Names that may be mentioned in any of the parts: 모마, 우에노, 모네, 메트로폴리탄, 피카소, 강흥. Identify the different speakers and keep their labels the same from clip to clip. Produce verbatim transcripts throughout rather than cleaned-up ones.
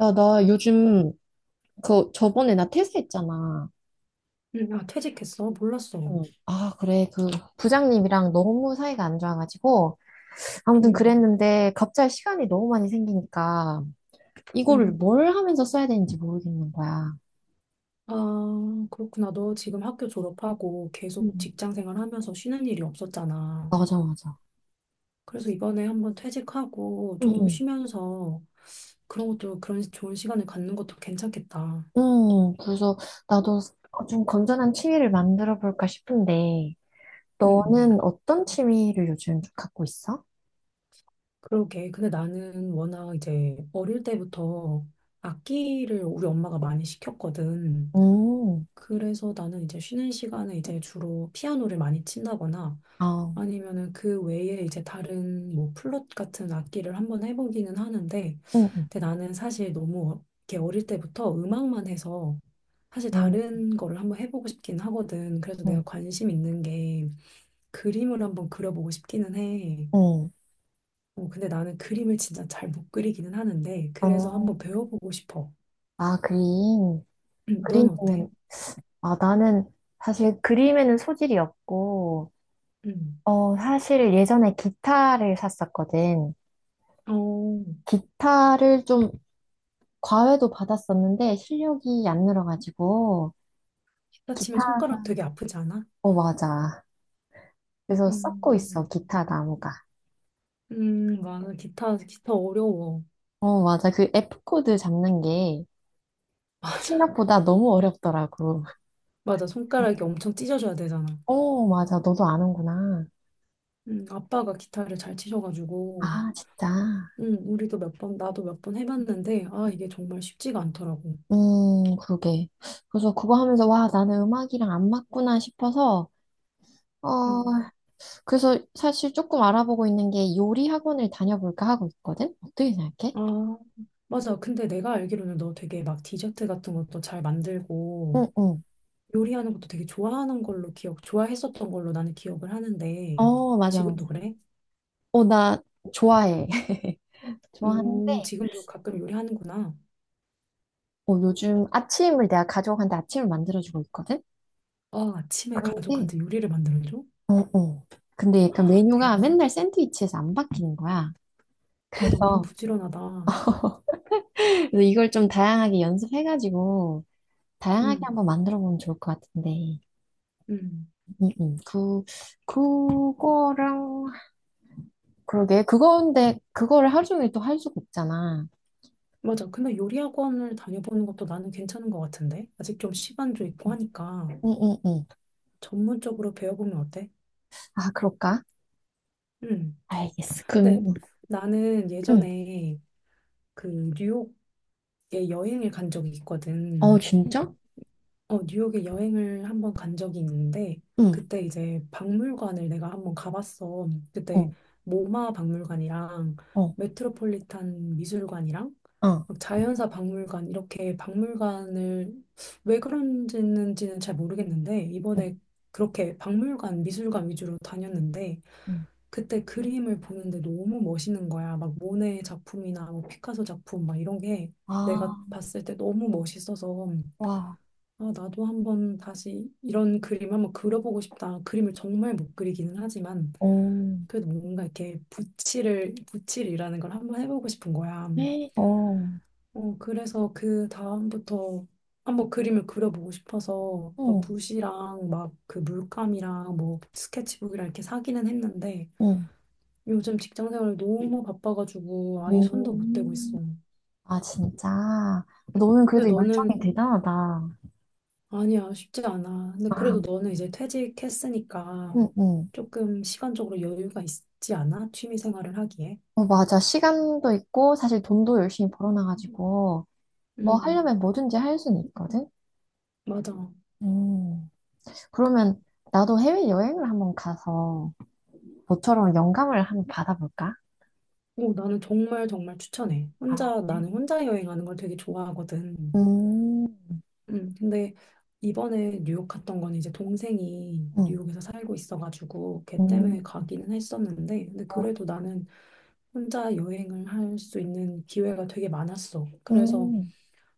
Speaker 1: 야, 나 요즘 그 저번에 나 퇴사했잖아.
Speaker 2: 음, 아, 퇴직했어? 몰랐어.
Speaker 1: 응. 아, 그래. 그 부장님이랑 너무 사이가 안 좋아가지고 아무튼
Speaker 2: 음,
Speaker 1: 그랬는데 갑자기 시간이 너무 많이 생기니까 이거를
Speaker 2: 음.
Speaker 1: 뭘 하면서 써야 되는지 모르겠는 거야.
Speaker 2: 아, 그렇구나. 너 지금 학교 졸업하고 계속
Speaker 1: 응.
Speaker 2: 직장 생활하면서 쉬는 일이 없었잖아.
Speaker 1: 맞아, 맞아.
Speaker 2: 그래서 이번에 한번 퇴직하고
Speaker 1: 응,
Speaker 2: 좀
Speaker 1: 응.
Speaker 2: 쉬면서 그런 것도 그런 좋은 시간을 갖는 것도 괜찮겠다.
Speaker 1: 응, 그래서 나도 좀 건전한 취미를 만들어 볼까 싶은데
Speaker 2: 음,
Speaker 1: 너는 어떤 취미를 요즘 좀 갖고 있어?
Speaker 2: 그러게. 근데 나는 워낙 이제 어릴 때부터 악기를 우리 엄마가 많이 시켰거든.
Speaker 1: 음.
Speaker 2: 그래서 나는 이제 쉬는 시간에 이제 주로 피아노를 많이 친다거나
Speaker 1: 아,
Speaker 2: 아니면은 그 외에 이제 다른 뭐 플룻 같은 악기를 한번 해보기는 하는데
Speaker 1: 응, 응,
Speaker 2: 근데 나는 사실 너무 어, 이렇게 어릴 때부터 음악만 해서 사실
Speaker 1: 응,
Speaker 2: 다른 거를 한번 해보고 싶긴 하거든. 그래서 내가
Speaker 1: 응.
Speaker 2: 관심 있는 게 그림을 한번 그려보고 싶기는 해.
Speaker 1: 응.
Speaker 2: 어, 근데 나는 그림을 진짜 잘 못 그리기는 하는데 그래서 한번
Speaker 1: 어,
Speaker 2: 배워보고 싶어.
Speaker 1: 아, 그림.
Speaker 2: 넌 어때?
Speaker 1: 그림이면, 아, 나는 사실 그림에는 소질이 없고,
Speaker 2: 음.
Speaker 1: 어, 사실 예전에 기타를 샀었거든.
Speaker 2: 어,
Speaker 1: 기타를 좀 과외도 받았었는데 실력이 안 늘어가지고,
Speaker 2: 기타 치면
Speaker 1: 기타,
Speaker 2: 손가락 되게 아프지 않아?
Speaker 1: 어, 맞아. 그래서 썩고
Speaker 2: 음,
Speaker 1: 있어, 기타 나무가.
Speaker 2: 음, 맞아. 기타, 기타 어려워.
Speaker 1: 어, 맞아. 그 에프 코드 잡는 게
Speaker 2: 맞아.
Speaker 1: 생각보다 너무 어렵더라고.
Speaker 2: 맞아. 손가락이 엄청 찢어져야 되잖아.
Speaker 1: 어, 맞아. 너도 아는구나.
Speaker 2: 음, 아빠가 기타를 잘 치셔가지고,
Speaker 1: 아, 진짜.
Speaker 2: 음, 우리도 몇 번, 나도 몇 번 해봤는데, 아, 이게 정말 쉽지가 않더라고.
Speaker 1: 음, 그러게. 그래서 그거 하면서, 와, 나는 음악이랑 안 맞구나 싶어서, 어,
Speaker 2: 음,
Speaker 1: 그래서 사실 조금 알아보고 있는 게 요리 학원을 다녀볼까 하고 있거든? 어떻게 생각해?
Speaker 2: 아, 맞아. 근데 내가 알기로는 너 되게 막 디저트 같은 것도 잘 만들고,
Speaker 1: 응, 응.
Speaker 2: 요리하는 것도 되게 좋아하는 걸로 기억, 좋아했었던 걸로 나는 기억을 하는데,
Speaker 1: 어, 맞아,
Speaker 2: 지금도
Speaker 1: 맞아.
Speaker 2: 그래?
Speaker 1: 어, 나 좋아해.
Speaker 2: 오,
Speaker 1: 좋아하는데,
Speaker 2: 지금도 가끔 요리하는구나.
Speaker 1: 어, 요즘 아침을 내가 가족한테 아침을 만들어주고 있거든?
Speaker 2: 아, 아침에
Speaker 1: 근데,
Speaker 2: 가족한테 요리를 만들어줘?
Speaker 1: 어, 어. 근데 약간 메뉴가
Speaker 2: 대박이다.
Speaker 1: 맨날 샌드위치에서 안 바뀌는 거야.
Speaker 2: 그래도 엄청
Speaker 1: 그래서
Speaker 2: 부지런하다.
Speaker 1: 그래서 이걸 좀 다양하게 연습해가지고, 다양하게
Speaker 2: 음,
Speaker 1: 한번 만들어 보면 좋을 것 같은데.
Speaker 2: 음.
Speaker 1: 음, 음. 그, 그거랑, 그러게. 그건데, 그거를 하루 종일 또 할 수가 없잖아.
Speaker 2: 맞아. 근데 요리 학원을 다녀보는 것도 나는 괜찮은 것 같은데. 아직 좀 시간도 있고
Speaker 1: 응,
Speaker 2: 하니까
Speaker 1: 응, 응.
Speaker 2: 전문적으로 배워보면 어때?
Speaker 1: 아, 그럴까?
Speaker 2: 음.
Speaker 1: 알겠어.
Speaker 2: 근데
Speaker 1: 그럼,
Speaker 2: 나는
Speaker 1: 응.
Speaker 2: 예전에 그 뉴욕에 여행을 간 적이
Speaker 1: 어,
Speaker 2: 있거든.
Speaker 1: 진짜?
Speaker 2: 어, 뉴욕에 여행을 한번 간 적이 있는데
Speaker 1: 응,
Speaker 2: 그때 이제 박물관을 내가 한번 가봤어. 그때
Speaker 1: 어,
Speaker 2: 모마 박물관이랑
Speaker 1: 어,
Speaker 2: 메트로폴리탄 미술관이랑
Speaker 1: 어,
Speaker 2: 막 자연사 박물관 이렇게 박물관을 왜 그런지는 잘 모르겠는데
Speaker 1: 응,
Speaker 2: 이번에 그렇게 박물관 미술관 위주로 다녔는데
Speaker 1: 응.
Speaker 2: 그때 그림을 보는데 너무 멋있는 거야. 막 모네 작품이나 뭐 피카소 작품 막 이런 게 내가
Speaker 1: 아,
Speaker 2: 봤을 때 너무 멋있어서
Speaker 1: 와,
Speaker 2: 아, 나도 한번 다시 이런 그림 한번 그려보고 싶다. 그림을 정말 못 그리기는 하지만
Speaker 1: 어,
Speaker 2: 그래도 뭔가 이렇게 붓질을 붓질이라는 걸 한번 해보고 싶은 거야.
Speaker 1: 에, 어,
Speaker 2: 어, 그래서 그 다음부터 한번 그림을 그려보고 싶어서 막
Speaker 1: 응,
Speaker 2: 붓이랑 막 그 물감이랑 뭐 스케치북이랑 이렇게 사기는 했는데
Speaker 1: 응,
Speaker 2: 요즘 직장 생활 너무 바빠가지고 아예 손도 못 대고
Speaker 1: 음.
Speaker 2: 있어.
Speaker 1: 아, 진짜. 너는
Speaker 2: 근데
Speaker 1: 그래도 열정이
Speaker 2: 너는
Speaker 1: 대단하다.
Speaker 2: 아니야, 쉽지 않아. 근데
Speaker 1: 아,
Speaker 2: 그래도 너는 이제 퇴직했으니까
Speaker 1: 응, 응.
Speaker 2: 조금 시간적으로 여유가 있지 않아? 취미 생활을 하기에.
Speaker 1: 어, 맞아. 시간도 있고, 사실 돈도 열심히 벌어놔가지고. 뭐
Speaker 2: 음,
Speaker 1: 하려면 뭐든지 할 수는 있거든?
Speaker 2: 맞아.
Speaker 1: 음, 그러면 나도 해외여행을 한번 가서 너처럼 영감을 한번 받아볼까?
Speaker 2: 오, 나는 정말 정말
Speaker 1: 응,
Speaker 2: 추천해. 혼자,
Speaker 1: 알아보네.
Speaker 2: 나는 혼자 여행하는 걸 되게 좋아하거든.
Speaker 1: 음,
Speaker 2: 음, 근데 이번에 뉴욕 갔던 건 이제 동생이
Speaker 1: 응,
Speaker 2: 뉴욕에서 살고 있어가지고 걔
Speaker 1: 음,
Speaker 2: 때문에 가기는 했었는데 근데
Speaker 1: 어,
Speaker 2: 그래도 나는 혼자 여행을 할 수 있는 기회가 되게 많았어. 그래서
Speaker 1: 음.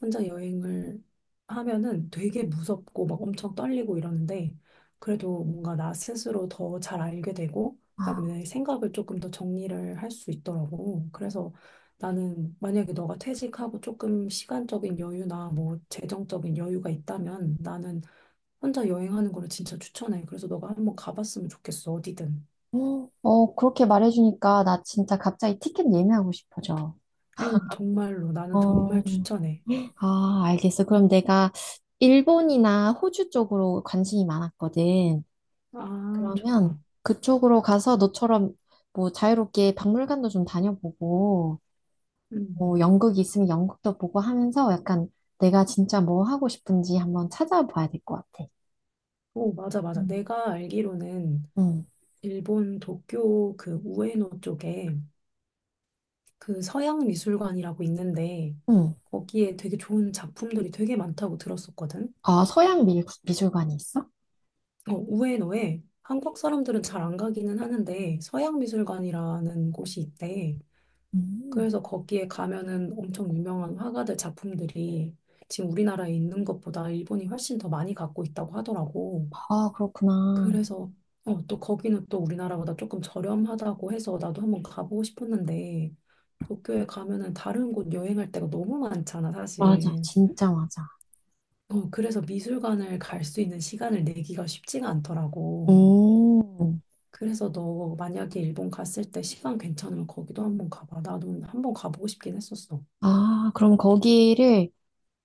Speaker 2: 혼자 여행을 하면은 되게 무섭고 막 엄청 떨리고 이러는데 그래도 뭔가 나 스스로 더 잘 알게 되고
Speaker 1: 아,
Speaker 2: 그다음에 생각을 조금 더 정리를 할 수 있더라고. 그래서 나는 만약에 너가 퇴직하고 조금 시간적인 여유나 뭐 재정적인 여유가 있다면 나는 혼자 여행하는 거를 진짜 추천해. 그래서 너가 한번 가봤으면 좋겠어, 어디든.
Speaker 1: 음. 어, 그렇게 말해주니까 나 진짜 갑자기 티켓 예매하고 싶어져.
Speaker 2: 오, 정말로. 나는
Speaker 1: 어,
Speaker 2: 정말 추천해.
Speaker 1: 아, 알겠어. 그럼 내가 일본이나 호주 쪽으로 관심이 많았거든.
Speaker 2: 아,
Speaker 1: 그러면
Speaker 2: 좋다.
Speaker 1: 그쪽으로 가서 너처럼 뭐 자유롭게 박물관도 좀 다녀보고,
Speaker 2: 음.
Speaker 1: 뭐 연극이 있으면 연극도 보고 하면서 약간 내가 진짜 뭐 하고 싶은지 한번 찾아봐야 될 것 같아.
Speaker 2: 오, 맞아, 맞아.
Speaker 1: 음.
Speaker 2: 내가 알기로는
Speaker 1: 응,
Speaker 2: 일본 도쿄 그 우에노 쪽에 그 서양 미술관이라고 있는데
Speaker 1: 응.
Speaker 2: 거기에 되게 좋은 작품들이 되게 많다고 들었었거든.
Speaker 1: 아, 서양 미, 미술관이 있어?
Speaker 2: 어, 우에노에 한국 사람들은 잘 안 가기는 하는데 서양 미술관이라는 곳이 있대.
Speaker 1: 음.
Speaker 2: 그래서 거기에 가면은 엄청 유명한 화가들 작품들이 지금 우리나라에 있는 것보다 일본이 훨씬 더 많이 갖고 있다고 하더라고.
Speaker 1: 아, 그렇구나.
Speaker 2: 그래서 어, 또 거기는 또 우리나라보다 조금 저렴하다고 해서 나도 한번 가보고 싶었는데 도쿄에 가면은 다른 곳 여행할 때가 너무 많잖아,
Speaker 1: 맞아,
Speaker 2: 사실.
Speaker 1: 진짜 맞아.
Speaker 2: 어, 그래서 미술관을 갈 수 있는 시간을 내기가 쉽지가 않더라고.
Speaker 1: 음.
Speaker 2: 그래서 너 만약에 일본 갔을 때 시간 괜찮으면 거기도 한번 가봐. 나도 한번 가보고 싶긴 했었어.
Speaker 1: 아, 그럼 거기를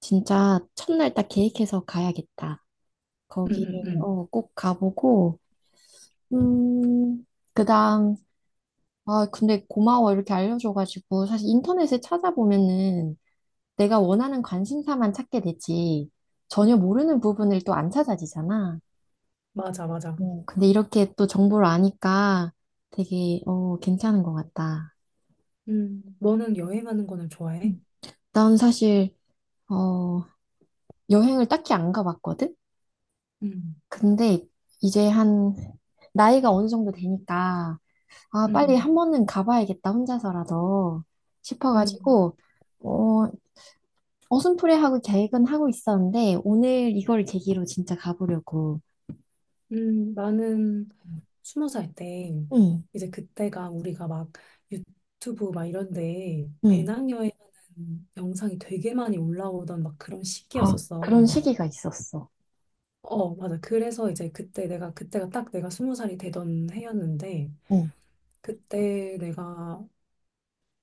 Speaker 1: 진짜 첫날 딱 계획해서 가야겠다.
Speaker 2: 응, 응,
Speaker 1: 거기를
Speaker 2: 응.
Speaker 1: 어, 꼭 가보고, 음, 그다음, 아, 근데 고마워. 이렇게 알려줘가지고. 사실 인터넷에 찾아보면은 내가 원하는 관심사만 찾게 되지. 전혀 모르는 부분을 또 안 찾아지잖아.
Speaker 2: 맞아, 맞아.
Speaker 1: 어, 근데 이렇게 또 정보를 아니까 되게, 어, 괜찮은 것 같다.
Speaker 2: 음, 너는 여행하는 거는 좋아해?
Speaker 1: 음. 난 사실, 어, 여행을 딱히 안 가봤거든?
Speaker 2: 응,
Speaker 1: 근데 이제 한, 나이가 어느 정도 되니까, 아, 빨리
Speaker 2: 응,
Speaker 1: 한 번은 가봐야겠다, 혼자서라도
Speaker 2: 응,
Speaker 1: 싶어가지고, 어, 어슴푸레하고 계획은 하고 있었는데, 오늘 이걸 계기로 진짜 가보려고.
Speaker 2: 응. 나는 스무 살 때
Speaker 1: 응,
Speaker 2: 이제 그때가 우리가 막 유튜브 막 이런데
Speaker 1: 응.
Speaker 2: 배낭여행 하는 영상이 되게 많이 올라오던 막 그런
Speaker 1: 아,
Speaker 2: 시기였었어.
Speaker 1: 그런 시기가 있었어.
Speaker 2: 어, 맞아. 그래서 이제 그때 내가 그때가 딱 내가 스무 살이 되던 해였는데
Speaker 1: 응,
Speaker 2: 그때 내가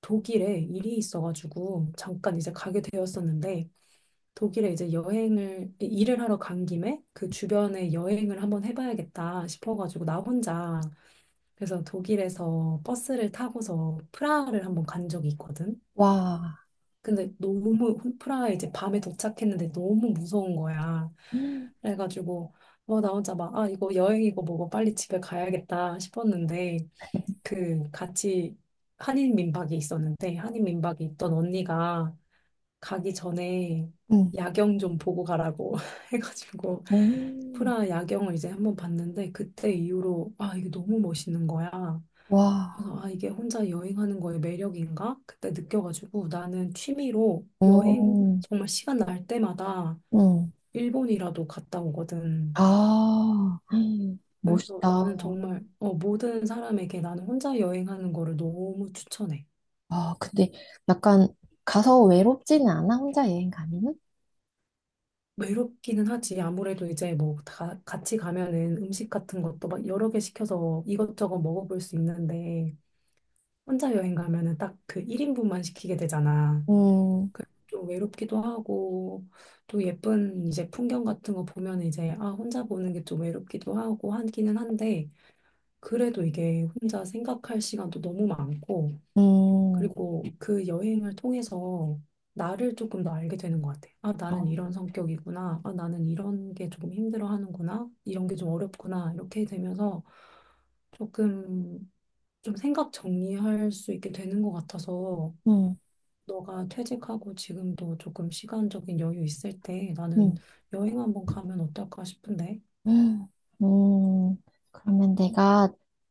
Speaker 2: 독일에 일이 있어가지고 잠깐 이제 가게 되었었는데 독일에 이제 여행을 일을 하러 간 김에 그 주변에 여행을 한번 해봐야겠다 싶어가지고 나 혼자 그래서 독일에서 버스를 타고서 프라하를 한번 간 적이 있거든.
Speaker 1: 와,
Speaker 2: 근데 너무 프라하에 이제 밤에 도착했는데 너무 무서운 거야.
Speaker 1: 음,
Speaker 2: 그래가지고 뭐 나 혼자 막 아, 이거 여행이고 뭐고 빨리 집에 가야겠다 싶었는데 그 같이 한인 민박이 있었는데 한인 민박이 있던 언니가 가기 전에
Speaker 1: 응,
Speaker 2: 야경 좀 보고 가라고 해가지고
Speaker 1: 음,
Speaker 2: 프라 야경을 이제 한번 봤는데 그때 이후로 아, 이게 너무 멋있는 거야.
Speaker 1: 와,
Speaker 2: 그래서 아, 이게 혼자 여행하는 거의 매력인가? 그때 느껴가지고 나는 취미로 여행
Speaker 1: 음,
Speaker 2: 정말 시간 날 때마다
Speaker 1: 응.
Speaker 2: 일본이라도 갔다 오거든.
Speaker 1: 아, 음,
Speaker 2: 그래서
Speaker 1: 멋있다.
Speaker 2: 나는 정말 어, 모든 사람에게 나는 혼자 여행하는 거를 너무 추천해.
Speaker 1: 아, 근데 약간 가서 외롭지는 않아, 혼자 여행 가면은?
Speaker 2: 외롭기는 하지. 아무래도 이제 뭐 다 같이 가면은 음식 같은 것도 막 여러 개 시켜서 이것저것 먹어볼 수 있는데 혼자 여행 가면은 딱 그 일 인분만 시키게 되잖아.
Speaker 1: 음,
Speaker 2: 그- 좀 외롭기도 하고 또 예쁜 이제 풍경 같은 거 보면 이제 아, 혼자 보는 게 좀 외롭기도 하고 하기는 한데 그래도 이게 혼자 생각할 시간도 너무 많고
Speaker 1: 음,
Speaker 2: 그리고 그 여행을 통해서 나를 조금 더 알게 되는 것 같아. 아, 나는
Speaker 1: 어,
Speaker 2: 이런 성격이구나. 아, 나는 이런 게 조금 힘들어하는구나. 이런 게 좀 어렵구나. 이렇게 되면서 조금 좀 생각 정리할 수 있게 되는 것 같아서
Speaker 1: 음,
Speaker 2: 너가 퇴직하고 지금도 조금 시간적인 여유 있을 때 나는
Speaker 1: 음,
Speaker 2: 여행 한번 가면 어떨까 싶은데.
Speaker 1: 음, 음. 그러면 내가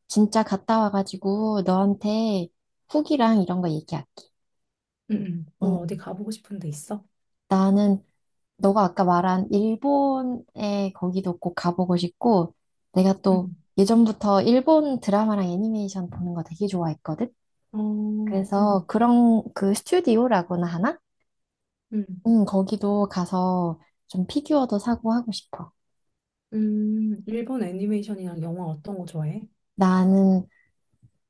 Speaker 1: 진짜 갔다 와가지고 너한테 후기랑 이런 거 얘기할게.
Speaker 2: 응, 응. 넌 어디
Speaker 1: 음.
Speaker 2: 가보고 싶은 데 있어?
Speaker 1: 나는 너가 아까 말한 일본에 거기도 꼭 가보고 싶고 내가 또
Speaker 2: 응.
Speaker 1: 예전부터 일본 드라마랑 애니메이션 보는 거 되게 좋아했거든.
Speaker 2: 어,
Speaker 1: 그래서
Speaker 2: 응,
Speaker 1: 그런 그 스튜디오라고나 하나?
Speaker 2: 응.
Speaker 1: 음, 거기도 가서 좀 피규어도 사고 하고 싶어.
Speaker 2: 음, 일본 애니메이션이랑 영화 어떤 거 좋아해?
Speaker 1: 나는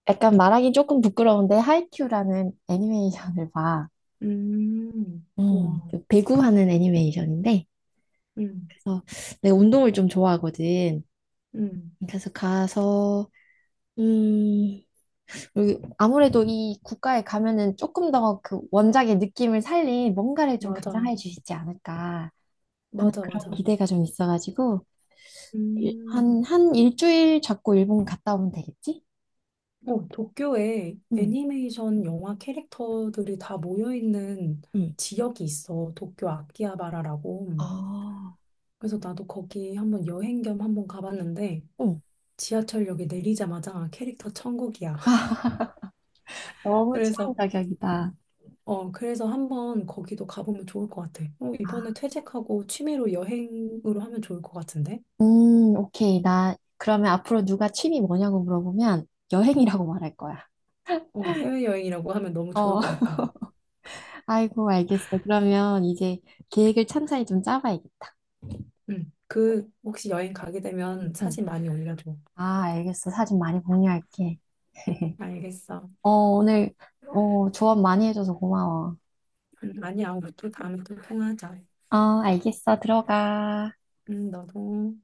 Speaker 1: 약간 말하기 조금 부끄러운데 하이큐라는 애니메이션을 봐.
Speaker 2: 음,
Speaker 1: 음,
Speaker 2: 와,
Speaker 1: 그 배구하는 애니메이션인데
Speaker 2: 응,
Speaker 1: 그래서 내가 운동을 좀 좋아하거든.
Speaker 2: 응.
Speaker 1: 그래서 가서 음, 그리고 아무래도 이 국가에 가면은 조금 더 그 원작의 느낌을 살린 뭔가를 좀 감상해
Speaker 2: 맞아,
Speaker 1: 주시지 않을까 하는
Speaker 2: 맞아,
Speaker 1: 그런
Speaker 2: 맞아.
Speaker 1: 기대가 좀 있어가지고 일-
Speaker 2: 음,
Speaker 1: 한, 한 일주일 잡고 일본 갔다 오면 되겠지?
Speaker 2: 어, 도쿄에
Speaker 1: 응,
Speaker 2: 애니메이션 영화 캐릭터들이 다 모여있는
Speaker 1: 응.
Speaker 2: 지역이 있어. 도쿄 아키하바라라고.
Speaker 1: 아,
Speaker 2: 그래서 나도 거기 한번 여행 겸 한번 가봤는데
Speaker 1: 응.
Speaker 2: 지하철역에 내리자마자 캐릭터 천국이야.
Speaker 1: 너무 취향
Speaker 2: 그래서
Speaker 1: 저격이다.
Speaker 2: 어 그래서 한번 거기도 가보면 좋을 것 같아. 어, 이번에
Speaker 1: 아,
Speaker 2: 퇴직하고 취미로 여행으로 하면 좋을 것 같은데?
Speaker 1: 음, 오케이. 나 그러면 앞으로 누가 취미 뭐냐고 물어보면 여행이라고 말할 거야.
Speaker 2: 어 해외여행이라고 하면 너무 좋을
Speaker 1: 어,
Speaker 2: 것 같다.
Speaker 1: 아이고, 알겠어. 그러면 이제 계획을 찬찬히 좀 짜봐야겠다.
Speaker 2: 응. 그 혹시 여행 가게 되면
Speaker 1: 응.
Speaker 2: 사진 많이 올려줘.
Speaker 1: 아, 알겠어. 사진 많이 공유할게.
Speaker 2: 알겠어.
Speaker 1: 어, 오늘, 어, 조언 많이 해줘서 고마워.
Speaker 2: 응, 아니야. 우리 또 다음에 또 통화하자.
Speaker 1: 어, 알겠어. 들어가.
Speaker 2: 응, 너도.